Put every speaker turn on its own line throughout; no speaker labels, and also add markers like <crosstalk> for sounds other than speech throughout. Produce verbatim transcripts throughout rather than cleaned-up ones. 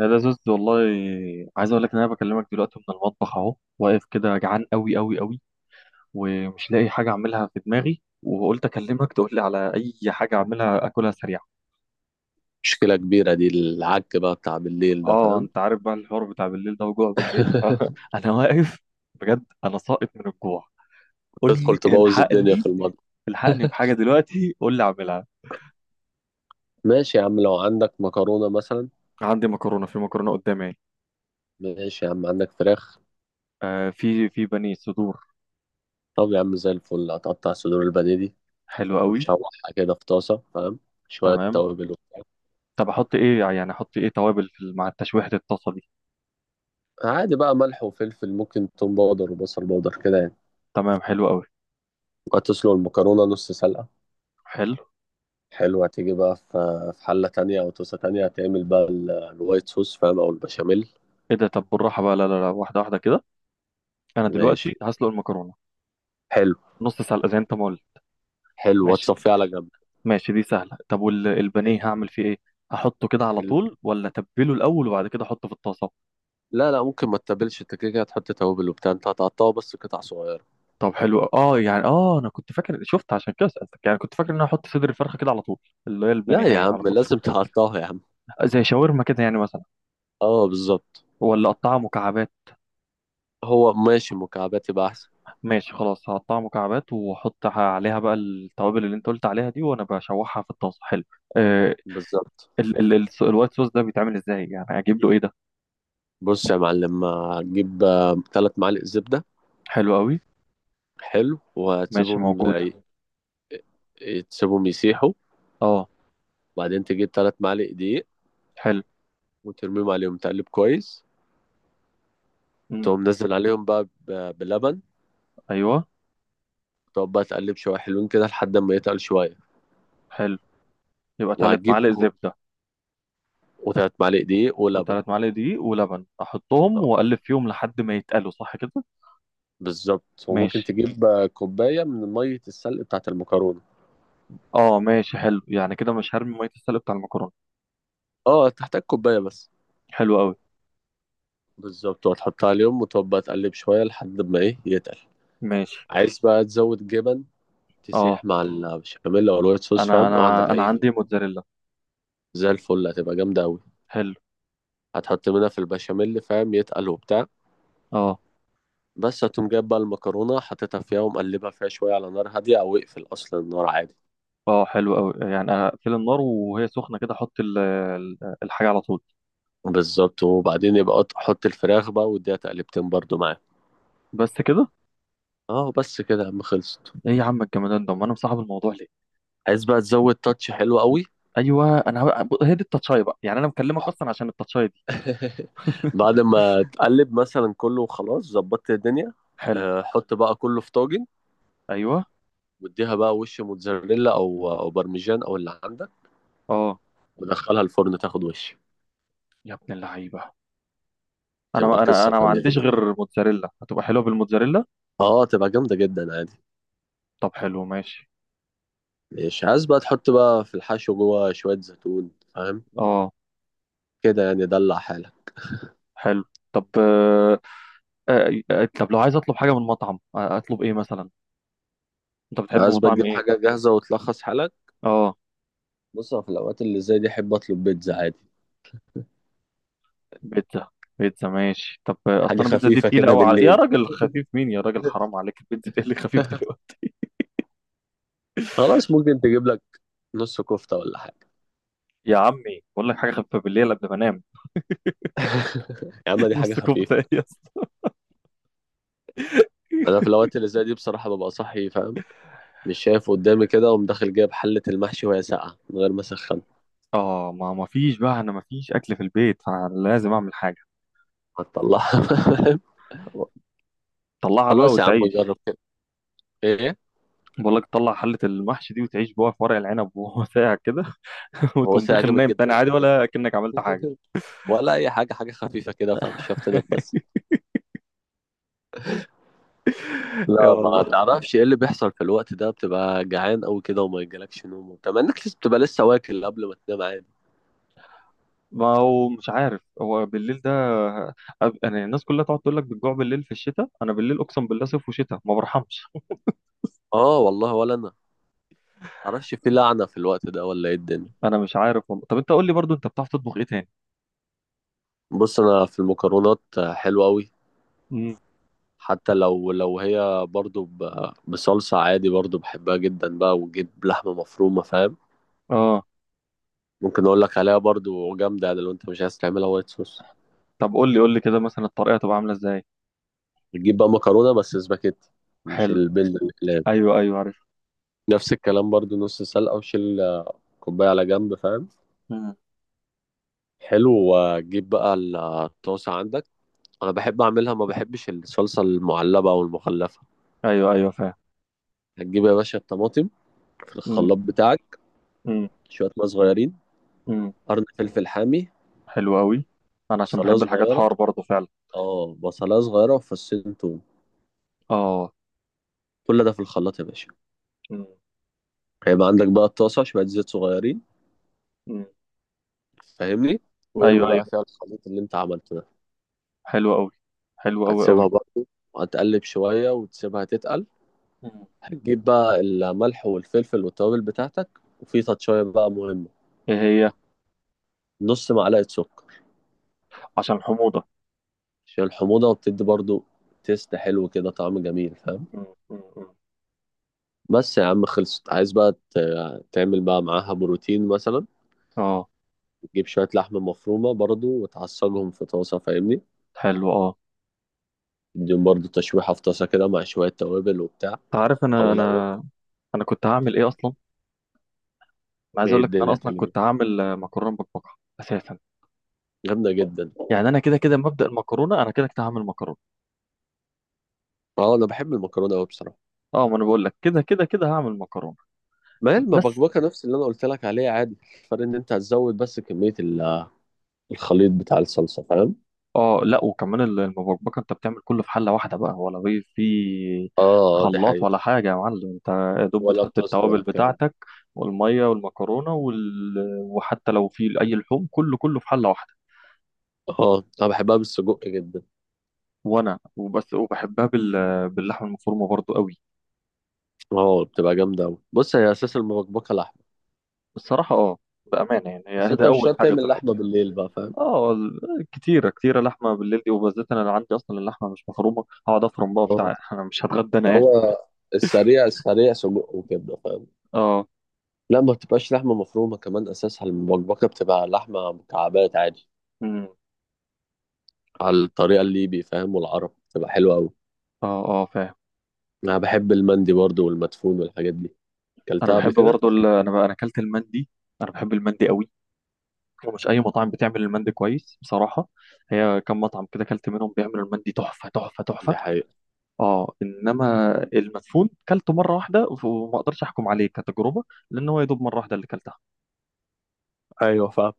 يا لزوز والله. عايز اقول لك ان انا بكلمك دلوقتي من المطبخ اهو، واقف كده جعان قوي قوي قوي. ومش لاقي حاجه اعملها في دماغي، وقلت اكلمك تقول لي على اي حاجه اعملها اكلها سريع.
مشكلة كبيرة دي، العك بقى بتاع بالليل ده،
اه،
فاهم؟
انت عارف بقى الحوار بتاع بالليل ده وجوع بالليل. <laughs>
<laughs>
فانا واقف. بجد انا ساقط من الجوع. قول
تدخل
لي
تبوظ الدنيا في
الحقني.
المطبخ.
الحقني بحاجه دلوقتي، قول لي اعملها.
ماشي يا عم، لو عندك مكرونة مثلا.
عندي مكرونه، في مكرونه قدامي اهي.
ماشي يا عم، عندك فراخ؟
آه، في في بانيه صدور.
طب يا عم، زي الفل، هتقطع صدور البانيه دي
حلو قوي.
وتشوحها كده في طاسة، فاهم؟ شوية
تمام.
توابل وبتاع.
طب احط ايه؟ يعني احط ايه توابل في- مع التشويحه الطاسه دي.
عادي بقى، ملح وفلفل، ممكن توم باودر وبصل باودر كده يعني.
تمام، حلو قوي.
وهتسلق المكرونة نص سلقة.
حلو.
حلوة، تيجي بقى في في حلة تانية أو طاسة تانية، هتعمل بقى ال- الوايت صوص، فاهم؟ أو البشاميل.
ايه ده؟ طب بالراحه بقى، لا لا لا، واحده واحده كده. انا
ماشي.
دلوقتي هسلق المكرونه
حلو.
نص سلقه زي انت ما قلت.
حلو،
ماشي.
وتصفيه على جنب.
ماشي، دي سهله. طب والبانيه هعمل فيه ايه؟ احطه كده على
حلو.
طول، ولا اتبله الاول وبعد كده احطه في الطاسه؟
لا لا، ممكن ما تتبلش، انت كده كده هتحط توابل وبتاع، انت هتقطعه بس قطع صغيرة.
طب حلو. اه، يعني اه انا كنت فاكر، شفت عشان كده سالتك، يعني كنت فاكر ان انا احط صدر الفرخه كده على طول. اللي هي
لا يا
البانيهايه
عم،
على طول.
لازم تقطعه يا عم.
زي شاورما كده يعني مثلا.
اه، بالظبط.
ولا اقطعها مكعبات؟
هو ماشي، مكعبات يبقى احسن.
ماشي خلاص، هقطعها مكعبات واحط عليها بقى التوابل اللي انت قلت عليها دي، وانا بشوحها في الطاسه. حلو. آه،
بالظبط.
ال ال ال الوايت صوص ده بيتعمل ازاي يعني؟ اجيب له ايه ده؟
بص يا معلم، هتجيب ثلاث معالق زبدة.
حلو قوي.
حلو،
ماشي،
وهتسيبهم
موجودة.
آه، ي- تسيبهم يسيحوا.
اه.
وبعدين تجيب ثلاث معالق دقيق،
حلو.
وترميهم عليهم، تقلب كويس.
مم.
تقوم نزل عليهم بقى ب- بلبن.
ايوه.
تقعد بقى تقلب شوية، حلوين كده، لحد ما يتقل شوية.
حلو. يبقى ثلاث
وهتجيب
معالق
كو-
زبدة،
وثلاث معالق دقيق ولبن.
وثلاث معالق دقيق ولبن احطهم واقلب فيهم لحد ما يتقلوا، صح كده؟
بالظبط، وممكن
ماشي.
تجيب آه، كوباية من مية السلق بتاعة المكرونة.
اه ماشي، حلو. يعني كده مش هرمي مية السلق بتاع المكرونة.
اه، تحتاج كوباية بس.
حلو قوي.
بالظبط، وتحطها عليهم وتبقى تقلب شوية لحد ما ايه يتقل.
ماشي.
عايز بقى تزود جبن،
اه،
تسيح مع البشاميل او الوايت صوص، فاهم،
انا
لو
انا
عندك
انا
اي.
عندي موتزاريلا.
زي الفل، هتبقى جامدة اوي.
حلو.
هتحط منها في البشاميل، فاهم، يتقل وبتاع.
اه
بس هتقوم جايب بقى المكرونة، حاططها فيها ومقلبها فيها شوية على نار هادية، او اقفل اصلا النار عادي.
اه، حلو قوي. يعني اقفل النار وهي سخنة كده، احط ال- ال- الحاجة على طول.
بالظبط، وبعدين يبقى قط- حط الفراخ بقى واديها تقلبتين برضو معاه.
بس كده؟
اه بس كده يا عم، خلصت.
ايه يا عم الجمدان ده، امال انا مصاحب الموضوع ليه!
عايز بقى تزود تاتش، حلو قوي.
ايوه، انا هو- ب- هي دي التاتشاي بقى، يعني انا مكلمك اصلا عشان التاتشاي دي.
<laughs> بعد ما تقلب مثلا كله، خلاص ظبطت الدنيا.
حلو.
آه، حط بقى كله في طاجن،
ايوه.
واديها بقى وش موتزاريلا او او بارميجان او اللي عندك،
اه.
ودخلها الفرن تاخد وش.
يا ابن اللعيبه!
تبقى
انا انا
قصة
انا ما
تانية دي.
عنديش غير موتزاريلا، هتبقى حلوه بالموتزاريلا.
اه، تبقى جامدة جدا عادي.
طب حلو ماشي.
مش عايز بقى تحط بقى في الحشو جوه شوية زيتون، فاهم؟
اه
كده يعني، دلع حالك.
حلو. طب آه آه، آه، طب لو عايز اطلب حاجه من مطعم، آه، اطلب ايه مثلا؟ انت بتحب
عايز بقى
مطاعم
تجيب
ايه؟
حاجة جاهزة وتلخص حالك.
اه
بص، أنا في الأوقات اللي زي دي أحب أطلب بيتزا عادي.
بيتزا. بيتزا ماشي. طب آه، اصل
حاجة
انا البيتزا دي
خفيفة
تقيله
كده
قوي. على... يا
بالليل.
راجل خفيف مين! يا راجل حرام
<laughs>
عليك، البيتزا دي اللي خفيف دلوقتي؟
خلاص، ممكن تجيب لك نص كفتة ولا حاجة.
يا عمي بقول لك حاجه خفيفه بالليل قبل ما انام.
<laughs> يا عم،
<laughs>
دي حاجة
نص
خفيفة.
كفته ايه يا اسطى؟
أنا في الأوقات اللي زي دي بصراحة ببقى صاحي، فاهم؟ مش شايف قدامي كده، وأقوم داخل جايب حلة المحشي وهي ساقعة من غير ما أسخن.
اه، ما ما فيش بقى، انا ما فيش اكل في البيت، فلازم اعمل حاجه.
هتطلعها؟ <laughs>
طلعها بقى
خلاص يا عم، جرب
وتعيش.
كده. إيه؟
بقول لك طلع حله المحشي دي وتعيش بقى في ورق العنب، <laughs> وهو ساقع كده. <laughs>
هو
وتقوم
ساقع
داخل
جامد
نايم
جدا
تاني
على
عادي،
فكرة.
ولا كأنك عملت حاجه.
<laughs> ولا أي حاجة، حاجة خفيفة كده، فاهم؟ مش هفتدى بس.
<laughs> يا
لا، ما
والله.
تعرفش إيه اللي بيحصل في الوقت ده، بتبقى جعان أوي كده وما يجيلكش نوم وبتاع، مع إنك لسه بتبقى لسه واكل قبل ما تنام عادي.
ما هو مش عارف هو بالليل ده. أب- انا الناس كلها تقعد تقول لك بتجوع بالليل في الشتاء، انا بالليل اقسم بالله صيف وشتاء ما برحمش.
آه والله، ولا أنا. معرفش، في لعنة في الوقت ده ولا إيه الدنيا؟
انا مش عارف والله. طب انت قول لي برضو، انت بتعرف تطبخ ايه تاني؟
بص، انا في المكرونات، حلوة قوي.
امم.
حتى لو لو هي برضو ب- بصلصة، عادي برضو بحبها جدا بقى، وتجيب لحمة مفرومة، فاهم؟
اه.
ممكن اقول لك عليها برضو، جامدة يعني، لو انت مش عايز تعملها وايت صوص.
طب قول لي قول لي كده مثلا الطريقه تبقى عامله ازاي.
بتجيب بقى مكرونة، بس سباكيتي، مش
حلو.
البيض الاقلام.
ايوه ايوه عارف.
نفس الكلام برضو، نص سلقة، وشيل كوباية على جنب، فاهم؟ حلو، وتجيب بقى الطاسة عندك. انا بحب اعملها، ما بحبش الصلصة المعلبة او المخلفة.
ايوه ايوه فاهم.
هتجيب يا باشا الطماطم في
امم.
الخلاط بتاعك،
امم.
شوية ماء صغيرين،
امم.
قرن فلفل حامي،
حلو قوي. انا عشان
بصلاية
بحب الحاجات
صغيرة.
حار برضه فعلا.
اه، بصلاية صغيرة وفصين توم.
اه.
كل ده في الخلاط يا باشا.
امم.
هيبقى عندك بقى الطاسة، شوية زيت صغيرين،
امم.
فاهمني، وارمي
ايوه ايوه.
بقى فيها الخليط اللي انت عملته ده.
حلو قوي. حلو قوي
هتسيبها
قوي.
برضه، وهتقلب شوية وتسيبها تتقل.
امم.
هتجيب بقى الملح والفلفل والتوابل بتاعتك، وفي تاتشاية بقى مهمة،
ايه هي؟
نص معلقة سكر.
عشان الحموضه.
عشان الحموضة، وبتدي برضه تيست حلو كده، طعم جميل، فاهم؟
امم. امم. امم.
بس يا عم خلصت. عايز بقى ت- تعمل بقى معاها بروتين مثلا،
اه.
جيب شوية لحمة مفرومة برضو، وتعصجهم في طاسة، فاهمني؟
حلو. اه،
اديهم برضو تشويحة في طاسة كده، مع شوية توابل وبتاع.
انت عارف
أو
انا
لو.
انا انا كنت هعمل ايه اصلا. انا عايز
هي
اقول لك ان انا
الدنيا
اصلا
تجري،
كنت هعمل آه، مكرونه بالبقره اساسا.
جامدة جدا.
يعني انا كده كده مبدأ المكرونه، انا كده كده هعمل مكرونه.
اه، أنا بحب المكرونة أوي بصراحة.
اه ما انا بقول لك كده كده كده هعمل مكرونه
ما هي
بس.
المبكبكة نفس اللي أنا قلت لك عليها عادي. الفرق إن أنت هتزود بس كمية ال- الخليط بتاع الصلصة، فاهم؟
اه لا، وكمان ال- المبكبكه انت بتعمل كله في حله واحده بقى، ولا في في
اه. آه، دي
خلاط
حقيقة.
ولا حاجه يا معلم انت. يا دوب
ولا
بتحط
بتصل ولا
التوابل
الكلام ده.
بتاعتك والميه والمكرونه وال... وحتى لو في اي لحوم كله كله في حله واحده.
اه، أنا بحبها بالسجق جدا.
وانا وبس، وبحبها بال باللحمه المفرومه برضو قوي.
اه، بتبقى جامدة أوي، بص هي أساس المبكبكة لحمة.
الصراحه اه، بامانه يعني. هي
بس
<laughs>
أنت
ده
مش
اول
شرط
حاجه
تعمل
طلعت
لحمة
يعني.
بالليل بقى، فاهم؟
اه ال- كتيره كتيره لحمه بالليل دي، وبالذات انا اللي عندي اصلا اللحمه مش مفرومه، هقعد افرم بقى
آه.
بتاع. <laughs> انا مش هتغدى انا يعني.
هو السريع السريع، سجق وكبده، فاهم؟
اه.
لا، ما بتبقاش لحمه مفرومه كمان، اساسها المبكبكه بتبقى لحمه مكعبات عادي.
امم.
على الطريقه الليبي، فاهم، والعرب بتبقى حلوه قوي.
اه اه، فاهم.
انا بحب المندي برضو والمدفون والحاجات دي،
انا
اكلتها قبل
بحب
كده.
برضو ال- انا بقى انا اكلت المندي. انا بحب المندي قوي، ومش اي مطعم بتعمل المندي كويس بصراحه. هي كم مطعم كده اكلت منهم بيعملوا المندي تحفه تحفه
دي
تحفه.
حقيقة.
اه انما المدفون كلته مره واحده، وما اقدرش احكم عليه كتجربه، لان هو يا دوب مره واحده اللي كلتها
ايوه، فاهم.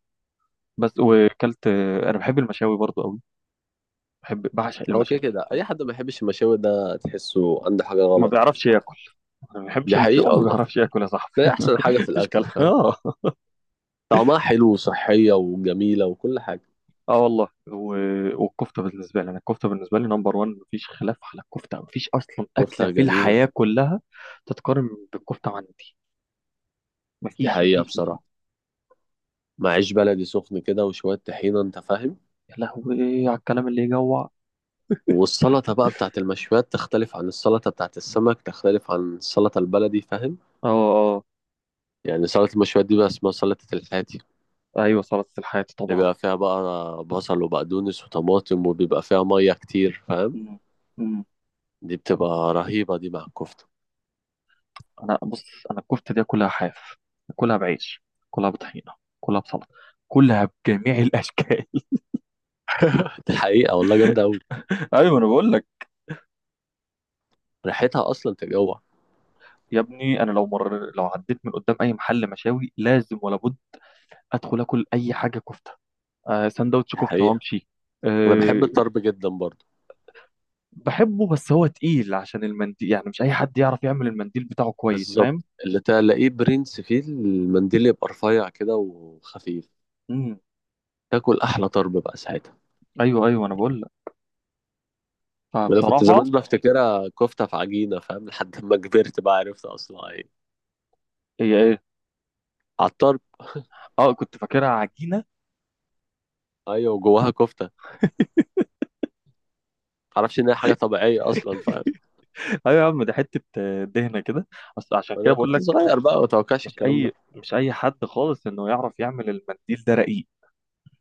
بس. وكلت. انا بحب المشاوي برضو قوي، بحب بعشق
هو كده
المشاوي.
كده، اي حد ما يحبش المشاوي ده تحسه عنده حاجه
ما
غلط يعني.
بيعرفش ياكل. أنا ما
دي
بحبش المشاوي،
حقيقه
ما
والله.
بيعرفش ياكل يا
ده
صاحبي.
احسن حاجه
<laughs>
في
مفيش
الاكل،
كلام.
فاهم؟
اه.
طعمها حلو وصحيه وجميله وكل حاجه.
اه والله. و- والكفته بالنسبه لي، انا الكفته بالنسبه لي نمبر واحد، مفيش خلاف على الكفته، مفيش اصلا اكله
كفتها
في
جميله.
الحياه كلها تتقارن بالكفته عندي،
دي
مفيش
حقيقه
مفيش مفيش.
بصراحه. مع عيش بلدي سخن كده وشوية طحينة، انت فاهم.
يا لهوي على الكلام اللي يجوع.
والسلطة بقى بتاعت المشويات تختلف عن السلطة بتاعت السمك، تختلف عن السلطة البلدي، فاهم؟
اه. اه.
يعني سلطة المشويات دي بقى اسمها سلطة الحاتي،
ايوه، سلطه الحياه
اللي
طبعا.
بيبقى فيها بقى بصل وبقدونس وطماطم، وبيبقى فيها مية كتير، فاهم؟
مم. مم.
دي بتبقى رهيبة دي مع الكفتة.
انا بص، انا الكفته دي كلها حاف، كلها بعيش، كلها بطحينه، كلها بسلطه، كلها بجميع الاشكال.
<laughs> دي حقيقة والله، جامدة أوي.
<laughs> ايوه انا بقول لك.
ريحتها أصلا تجوع.
يا ابني انا لو مر لو عديت من قدام اي محل مشاوي، لازم ولا بد ادخل اكل اي حاجه كفته، آه، سندوتش
دي
كفته
حقيقة.
وامشي.
أنا بحب
أه.
الطرب جدا برضه.
بحبه بس هو تقيل عشان المنديل، يعني مش اي حد يعرف يعمل المنديل بتاعه كويس،
بالظبط.
فاهم.
اللي تلاقيه برنس فيه المنديل، يبقى رفيع كده وخفيف.
امم.
تاكل أحلى طرب بقى ساعتها.
ايوه ايوه انا بقول لك.
انا كنت
فبصراحه،
زمان بفتكرها كفته في عجينه، فاهم، لحد ما كبرت بقى عرفت اصلا ايه.
هي ايه؟
عطار.
اه كنت فاكرها عجينه.
ايوه، وجواها كفته. معرفش ان هي حاجه طبيعيه اصلا، فاهم؟
<laughs> ايوه يا عم، دي حته آه، دهنه كده. بس عشان كده
انا
بقول
كنت
لك،
صغير بقى، ما اتوقعش
مش
الكلام ده.
اي مش اي حد خالص انه يعرف يعمل المنديل ده رقيق.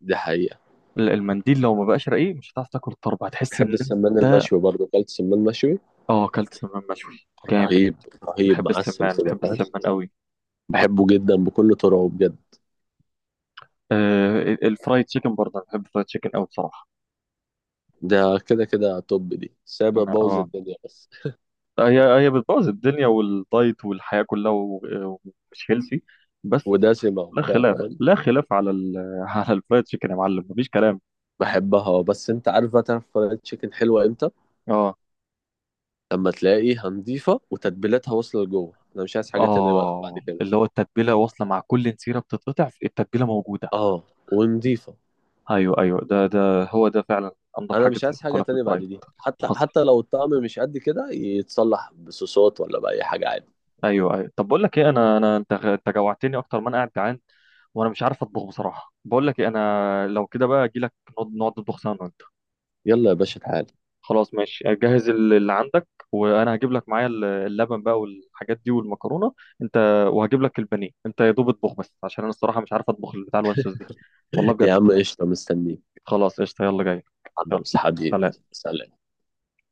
دي حقيقه.
لا، المنديل لو ما بقاش رقيق مش هتعرف تاكل الطرب، هتحس
بحب
ان
السمان
انت.
المشوي برضه، اكلت سمان مشوي.
اه، اكلت سمان مشوي جامد.
رهيب. رهيب
بحب
معسل
السمان،
كده،
بحب
فاهم؟
السمان قوي.
بحبه جدا بكل طرقه بجد.
آه الفرايد تشيكن برضه، أنا بحب الفرايد تشيكن أوي بصراحة.
ده كده كده توب، دي سابع
أنا
بوظ
أه
الدنيا بس.
هي هي بتبوظ الدنيا والدايت والحياة كلها و- ومش هيلثي بس.
ودسمه
لا
وبتاع،
خلاف،
فاهم؟
لا خلاف على ال <laughs> على الفرايد تشيكن يا معلم، مفيش كلام.
بحبها، بس انت عارف بقى تعرف فرايد تشيكن حلوه امتى؟
أه.
لما تلاقيها نظيفة وتتبيلاتها واصلة لجوه، انا مش عايز حاجة تانية بقى بعد
آه
كده.
اللي هو التتبيلة واصلة مع كل نسيرة، بتتقطع التتبيلة موجودة.
اه، ونضيفة.
أيوه أيوه، ده ده هو ده فعلا أنضف
انا
حاجة
مش عايز حاجة
تاكلها في
تانية بعد
الفرايد.
دي، حتى
حصل.
حتى لو الطعم مش قد كده يتصلح بصوصات ولا بأي حاجة عادي.
ايوه ايوه. طب بقول لك ايه، انا انا انت انت جوعتني اكتر ما انا قاعد جعان، وانا مش عارف اطبخ بصراحه. بقول لك ايه، انا لو كده بقى اجي لك، نقعد نقعد نطبخ سوا انا وانت.
يلا يا باشا تعالى.
خلاص ماشي، جهز ال- اللي عندك، وانا هجيب لك معايا ال- اللبن بقى والحاجات دي والمكرونه. انت وهجيب لك البانيه انت، يا دوب اطبخ بس، عشان انا الصراحه مش عارف اطبخ بتاع الوايت صوص دي. والله
<laughs>
بجد.
يا عم قشطة، مستنيك
خلاص قشطه، يلا جاي.
عند
يلا.
أصحابي.
سلام.
سلام.